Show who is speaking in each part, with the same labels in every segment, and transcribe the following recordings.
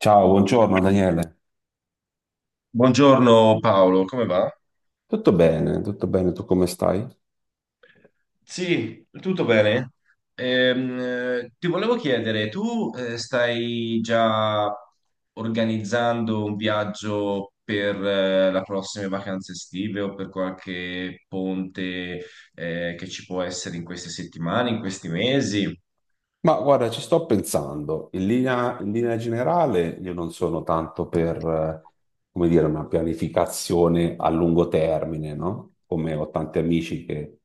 Speaker 1: Ciao, buongiorno Daniele.
Speaker 2: Buongiorno Paolo, come va?
Speaker 1: Tutto bene, tu come stai?
Speaker 2: Sì, tutto bene? Ehm, Ti volevo chiedere, tu stai già organizzando un viaggio per le prossime vacanze estive o per qualche ponte che ci può essere in queste settimane, in questi mesi?
Speaker 1: Ma guarda, ci sto pensando. In linea generale, io non sono tanto per, come dire, una pianificazione a lungo termine, no? Come ho tanti amici che,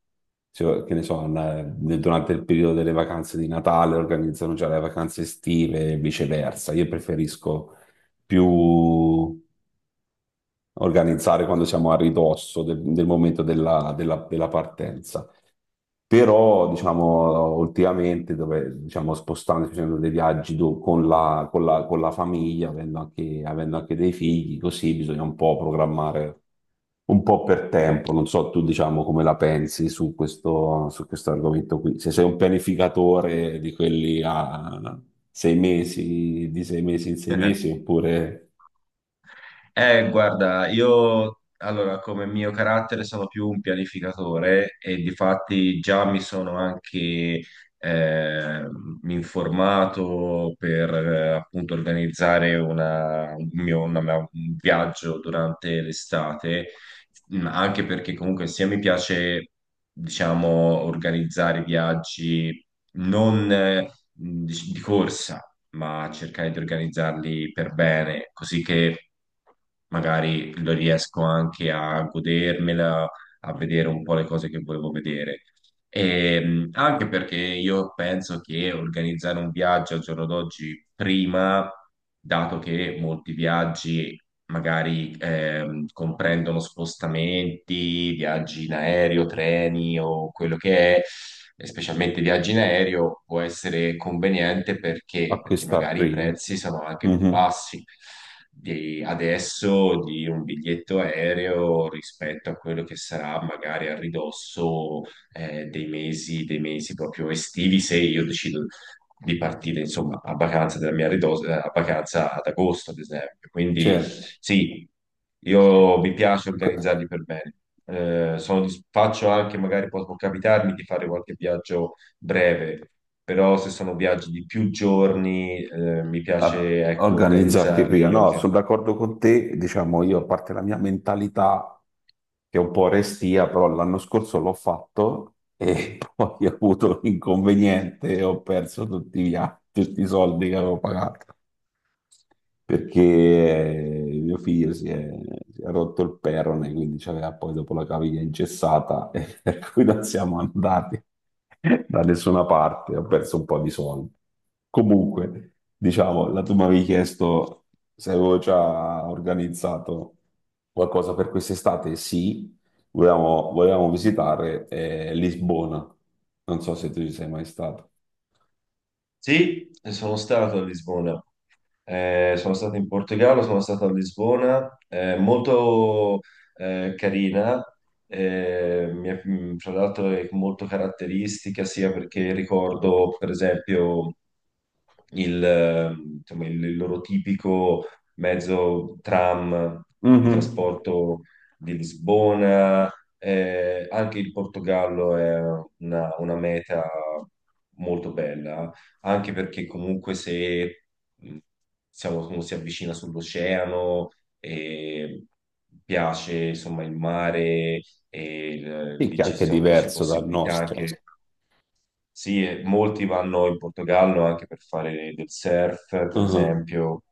Speaker 1: cioè, che ne so, durante il periodo delle vacanze di Natale organizzano già le vacanze estive e viceversa. Io preferisco più organizzare quando siamo a ridosso del momento della partenza. Però, diciamo, ultimamente, dove, diciamo, spostandosi, facendo dei viaggi con la famiglia, avendo anche dei figli, così bisogna un po' programmare un po' per tempo. Non so tu, diciamo, come la pensi su questo argomento qui. Se sei un pianificatore di quelli a 6 mesi, di 6 mesi in 6 mesi, oppure
Speaker 2: Guarda, io allora come mio carattere sono più un pianificatore e difatti già mi sono anche eh, informato per appunto organizzare una- un mio, una mia- un viaggio durante l'estate, anche perché comunque sia mi piace, diciamo, organizzare viaggi non di corsa ma cercare di organizzarli per bene, così che magari lo riesco anche a godermela, a vedere un po' le cose che volevo vedere. E, anche perché io penso che organizzare un viaggio al giorno d'oggi prima, dato che molti viaggi magari comprendono spostamenti, viaggi in aereo, treni o quello che è, e specialmente viaggi in aereo, può essere conveniente perché, perché
Speaker 1: acquistar
Speaker 2: magari i
Speaker 1: prima.
Speaker 2: prezzi sono anche più
Speaker 1: Mhm.
Speaker 2: bassi di adesso di un biglietto aereo rispetto a quello che sarà magari a ridosso dei mesi proprio estivi, se io decido di partire insomma a vacanza della mia ridosa, a vacanza ad agosto, ad esempio. Quindi
Speaker 1: Certo.
Speaker 2: sì, io mi piace organizzarli per bene. Sono faccio anche, magari può, può capitarmi di fare qualche viaggio breve, però se sono viaggi di più giorni, mi
Speaker 1: A
Speaker 2: piace ecco,
Speaker 1: organizzarti prima.
Speaker 2: organizzarli.
Speaker 1: No,
Speaker 2: Ok.
Speaker 1: sono d'accordo con te, diciamo io, a parte la mia mentalità che è un po' restia, però l'anno scorso l'ho fatto e poi ho avuto l'inconveniente e ho perso tutti tutti i soldi che avevo pagato perché mio figlio si è rotto il perone, quindi c'aveva poi dopo la caviglia ingessata, e per cui non siamo andati da nessuna parte, ho perso un po' di soldi. Comunque, diciamo, la tu mi avevi chiesto se avevo già organizzato qualcosa per quest'estate, sì, volevamo visitare Lisbona, non so se tu ci sei mai stato.
Speaker 2: Sì, sono stato a Lisbona. Sono stato in Portogallo, sono stato a Lisbona, molto carina, tra l'altro è molto caratteristica sia perché ricordo per esempio il, eh, insomma, il loro tipico mezzo tram di
Speaker 1: Mhm.
Speaker 2: trasporto di Lisbona. Anche il Portogallo è una meta molto bella, anche perché comunque se mh, diciamo, uno si avvicina sull'oceano e piace insomma il mare e
Speaker 1: Sì,
Speaker 2: lì
Speaker 1: che è
Speaker 2: c'è
Speaker 1: anche
Speaker 2: c'è un po', c'è
Speaker 1: diverso dal
Speaker 2: possibilità
Speaker 1: nostro.
Speaker 2: anche. Sì, e molti vanno in Portogallo anche per fare del surf, per
Speaker 1: Mhm.
Speaker 2: esempio,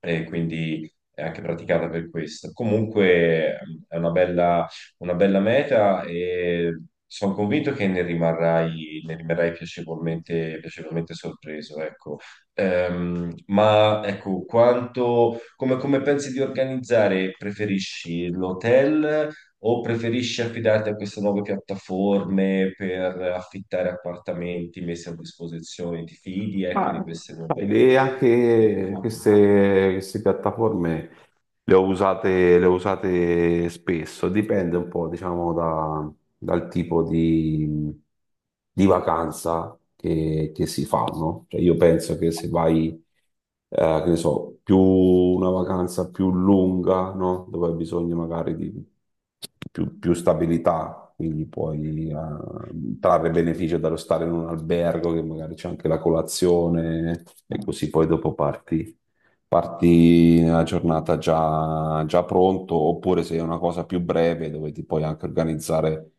Speaker 2: e quindi è anche praticata per questo. Comunque è una bella meta e sono convinto che ne rimarrai piacevolmente, piacevolmente sorpreso, ecco. Ma ecco, quanto, come, come pensi di organizzare? Preferisci l'hotel o preferisci affidarti a queste nuove piattaforme per affittare appartamenti messi a disposizione? Ti fidi, ecco, di queste nuove
Speaker 1: L'idea che
Speaker 2: piattaforme?
Speaker 1: queste piattaforme le ho usate spesso, dipende un po', diciamo, dal tipo di vacanza che si fa, no? Cioè, io penso che se vai, che ne so, più una vacanza più lunga, no? Dove hai bisogno magari di più stabilità, quindi puoi, trarre beneficio dallo stare in un albergo, che magari c'è anche la colazione, e così poi dopo parti nella giornata già pronto, oppure se è una cosa più breve dove ti puoi anche organizzare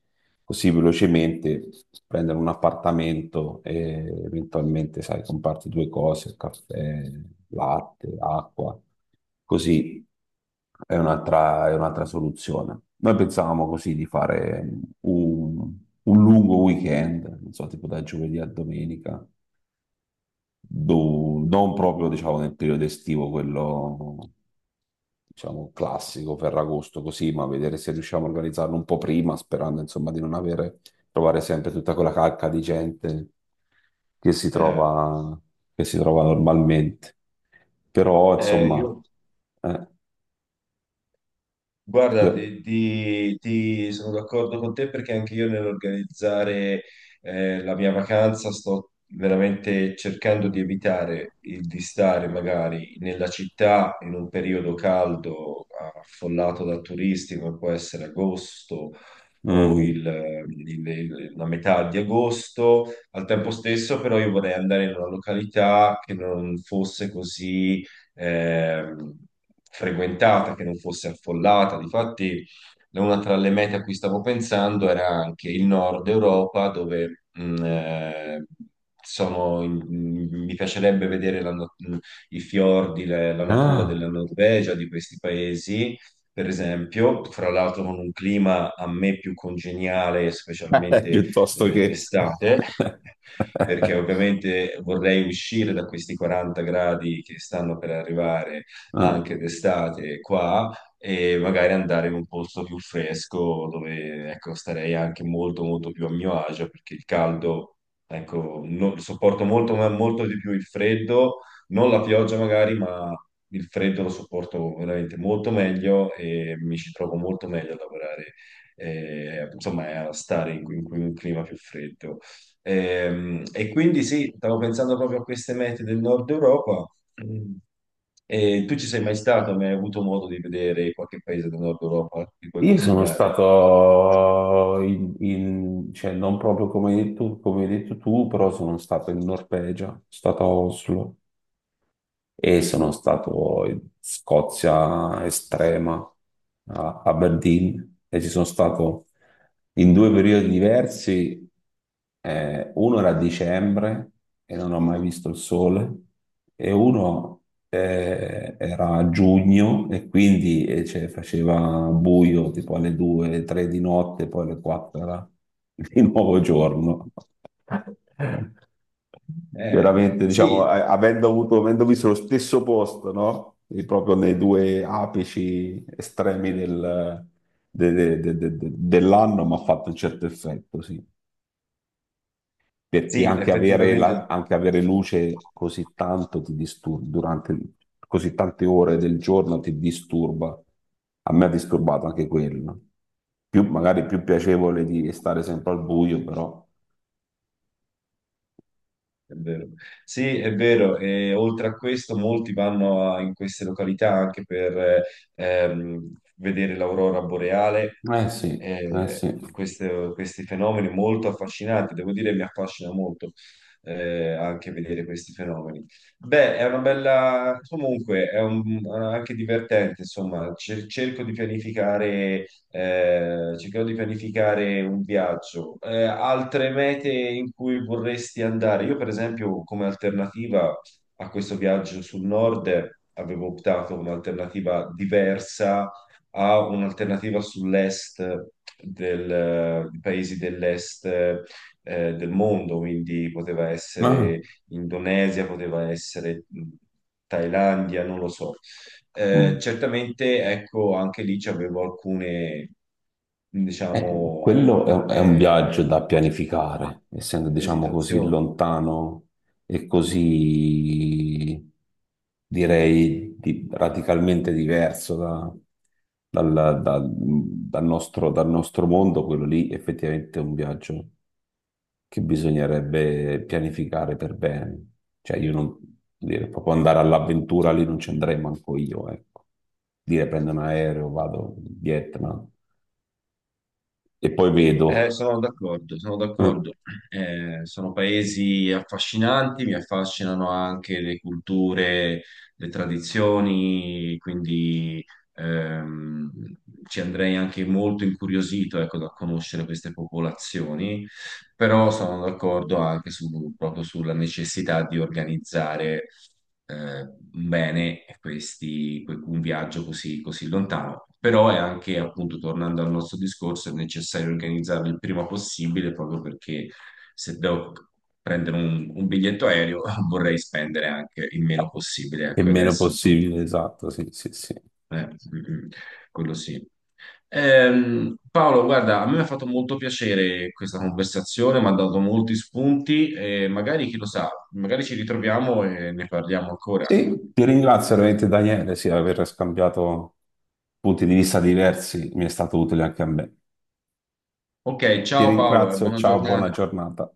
Speaker 1: così velocemente, prendere un appartamento e eventualmente, sai, comparti due cose, caffè, latte, acqua, così è un'altra soluzione. Noi pensavamo così di fare un, un lungo weekend, non so, tipo da giovedì a domenica, non proprio diciamo nel periodo estivo, quello diciamo classico, Ferragosto così, ma vedere se riusciamo a organizzarlo un po' prima, sperando insomma di non avere, trovare sempre tutta quella calca di gente che si
Speaker 2: Eh,
Speaker 1: trova, che si trova normalmente. Però
Speaker 2: eh, io,
Speaker 1: insomma, eh,
Speaker 2: Guarda,
Speaker 1: scusa,
Speaker 2: ti sono d'accordo con te perché anche io nell'organizzare la mia vacanza sto veramente cercando di evitare il, di stare magari nella città in un periodo caldo, affollato da turisti, come può essere agosto o
Speaker 1: mhm.
Speaker 2: la metà di agosto. Al tempo stesso, però, io vorrei andare in una località che non fosse così eh, frequentata, che non fosse affollata. Difatti, una tra le mete a cui stavo pensando era anche il nord Europa, dove mi piacerebbe vedere la no- i fiordi, la natura
Speaker 1: Ah,
Speaker 2: della Norvegia, di questi paesi, per esempio, fra l'altro con un clima a me più congeniale, specialmente
Speaker 1: piuttosto che...
Speaker 2: d'estate, perché ovviamente vorrei uscire da questi 40 gradi che stanno per arrivare anche
Speaker 1: Mm.
Speaker 2: d'estate qua e magari andare in un posto più fresco dove, ecco, starei anche molto, molto più a mio agio perché il caldo, ecco, sopporto molto, molto di più il freddo, non la pioggia magari, ma il freddo lo sopporto veramente molto meglio e mi ci trovo molto meglio a lavorare. Insomma, a stare in un clima più freddo. E, quindi sì, stavo pensando proprio a queste mete del nord Europa. Mm. E tu ci sei mai stato? Ma hai avuto modo di vedere qualche paese del nord Europa che puoi
Speaker 1: Io sono
Speaker 2: consigliare?
Speaker 1: stato cioè non proprio come hai detto tu, però sono stato in Norvegia, sono stato a Oslo e sono stato in Scozia estrema, a Aberdeen, e ci sono stato in due periodi diversi. Uno era a dicembre e non ho mai visto il sole, e uno era a giugno e quindi cioè, faceva buio tipo alle 2, 3 di notte, poi alle 4 era di nuovo giorno. Veramente, diciamo,
Speaker 2: Sì,
Speaker 1: avendo visto lo stesso posto, no? E proprio nei due apici estremi dell'anno, mi ha fatto un certo effetto, sì. Perché
Speaker 2: sì, effettivamente
Speaker 1: anche avere luce così tanto ti disturba, durante così tante ore del giorno ti disturba. A me ha disturbato anche quello. Magari più piacevole di stare sempre al buio, però.
Speaker 2: è vero. Sì, è vero. E oltre a questo, molti vanno in queste località anche per vedere l'aurora boreale,
Speaker 1: Eh sì, eh sì.
Speaker 2: queste, questi fenomeni molto affascinanti, devo dire mi affascina molto anche vedere questi fenomeni. Beh, è una bella, comunque è anche divertente, insomma. Cerco di pianificare, cercherò di pianificare un viaggio. Altre mete in cui vorresti andare? Io, per esempio, come alternativa a questo viaggio sul nord, avevo optato come alternativa diversa a un'alternativa sull'est di paesi dell'est del mondo, quindi poteva
Speaker 1: Ah.
Speaker 2: essere Indonesia, poteva essere Thailandia, non lo so.
Speaker 1: Mm.
Speaker 2: Certamente, ecco, anche lì avevo alcune, diciamo,
Speaker 1: Quello è un viaggio
Speaker 2: eh,
Speaker 1: da pianificare, essendo, diciamo, così
Speaker 2: esitazioni.
Speaker 1: lontano e così, direi, radicalmente diverso dal nostro mondo, quello lì effettivamente è un viaggio che bisognerebbe pianificare per bene. Cioè, io non, dire, proprio andare all'avventura lì non ci andrei manco io, ecco. Dire prendo un aereo, vado in Vietnam e poi vedo.
Speaker 2: Sono d'accordo, sono
Speaker 1: Eh,
Speaker 2: d'accordo. Sono paesi affascinanti, mi affascinano anche le culture, le tradizioni, quindi ehm, ci andrei anche molto incuriosito, ecco, da conoscere queste popolazioni, però sono d'accordo anche proprio sulla necessità di organizzare bene un viaggio così, così lontano. Però è anche, appunto, tornando al nostro discorso, è necessario organizzarlo il prima possibile proprio perché se devo prendere un biglietto aereo vorrei spendere anche il meno possibile.
Speaker 1: E
Speaker 2: Ecco,
Speaker 1: meno
Speaker 2: adesso insomma,
Speaker 1: possibile, esatto, sì, sì, sì.
Speaker 2: eh, mm, mm, quello sì. Paolo, guarda, a me mi ha fatto molto piacere questa conversazione, mi ha dato molti spunti e magari, chi lo sa, magari ci ritroviamo e ne parliamo ancora.
Speaker 1: Sì, ti ringrazio veramente Daniele, sì, aver scambiato punti di vista diversi, mi è stato utile anche a me.
Speaker 2: Ok,
Speaker 1: Ti
Speaker 2: ciao Paolo, e
Speaker 1: ringrazio,
Speaker 2: buona
Speaker 1: ciao, buona
Speaker 2: giornata.
Speaker 1: giornata.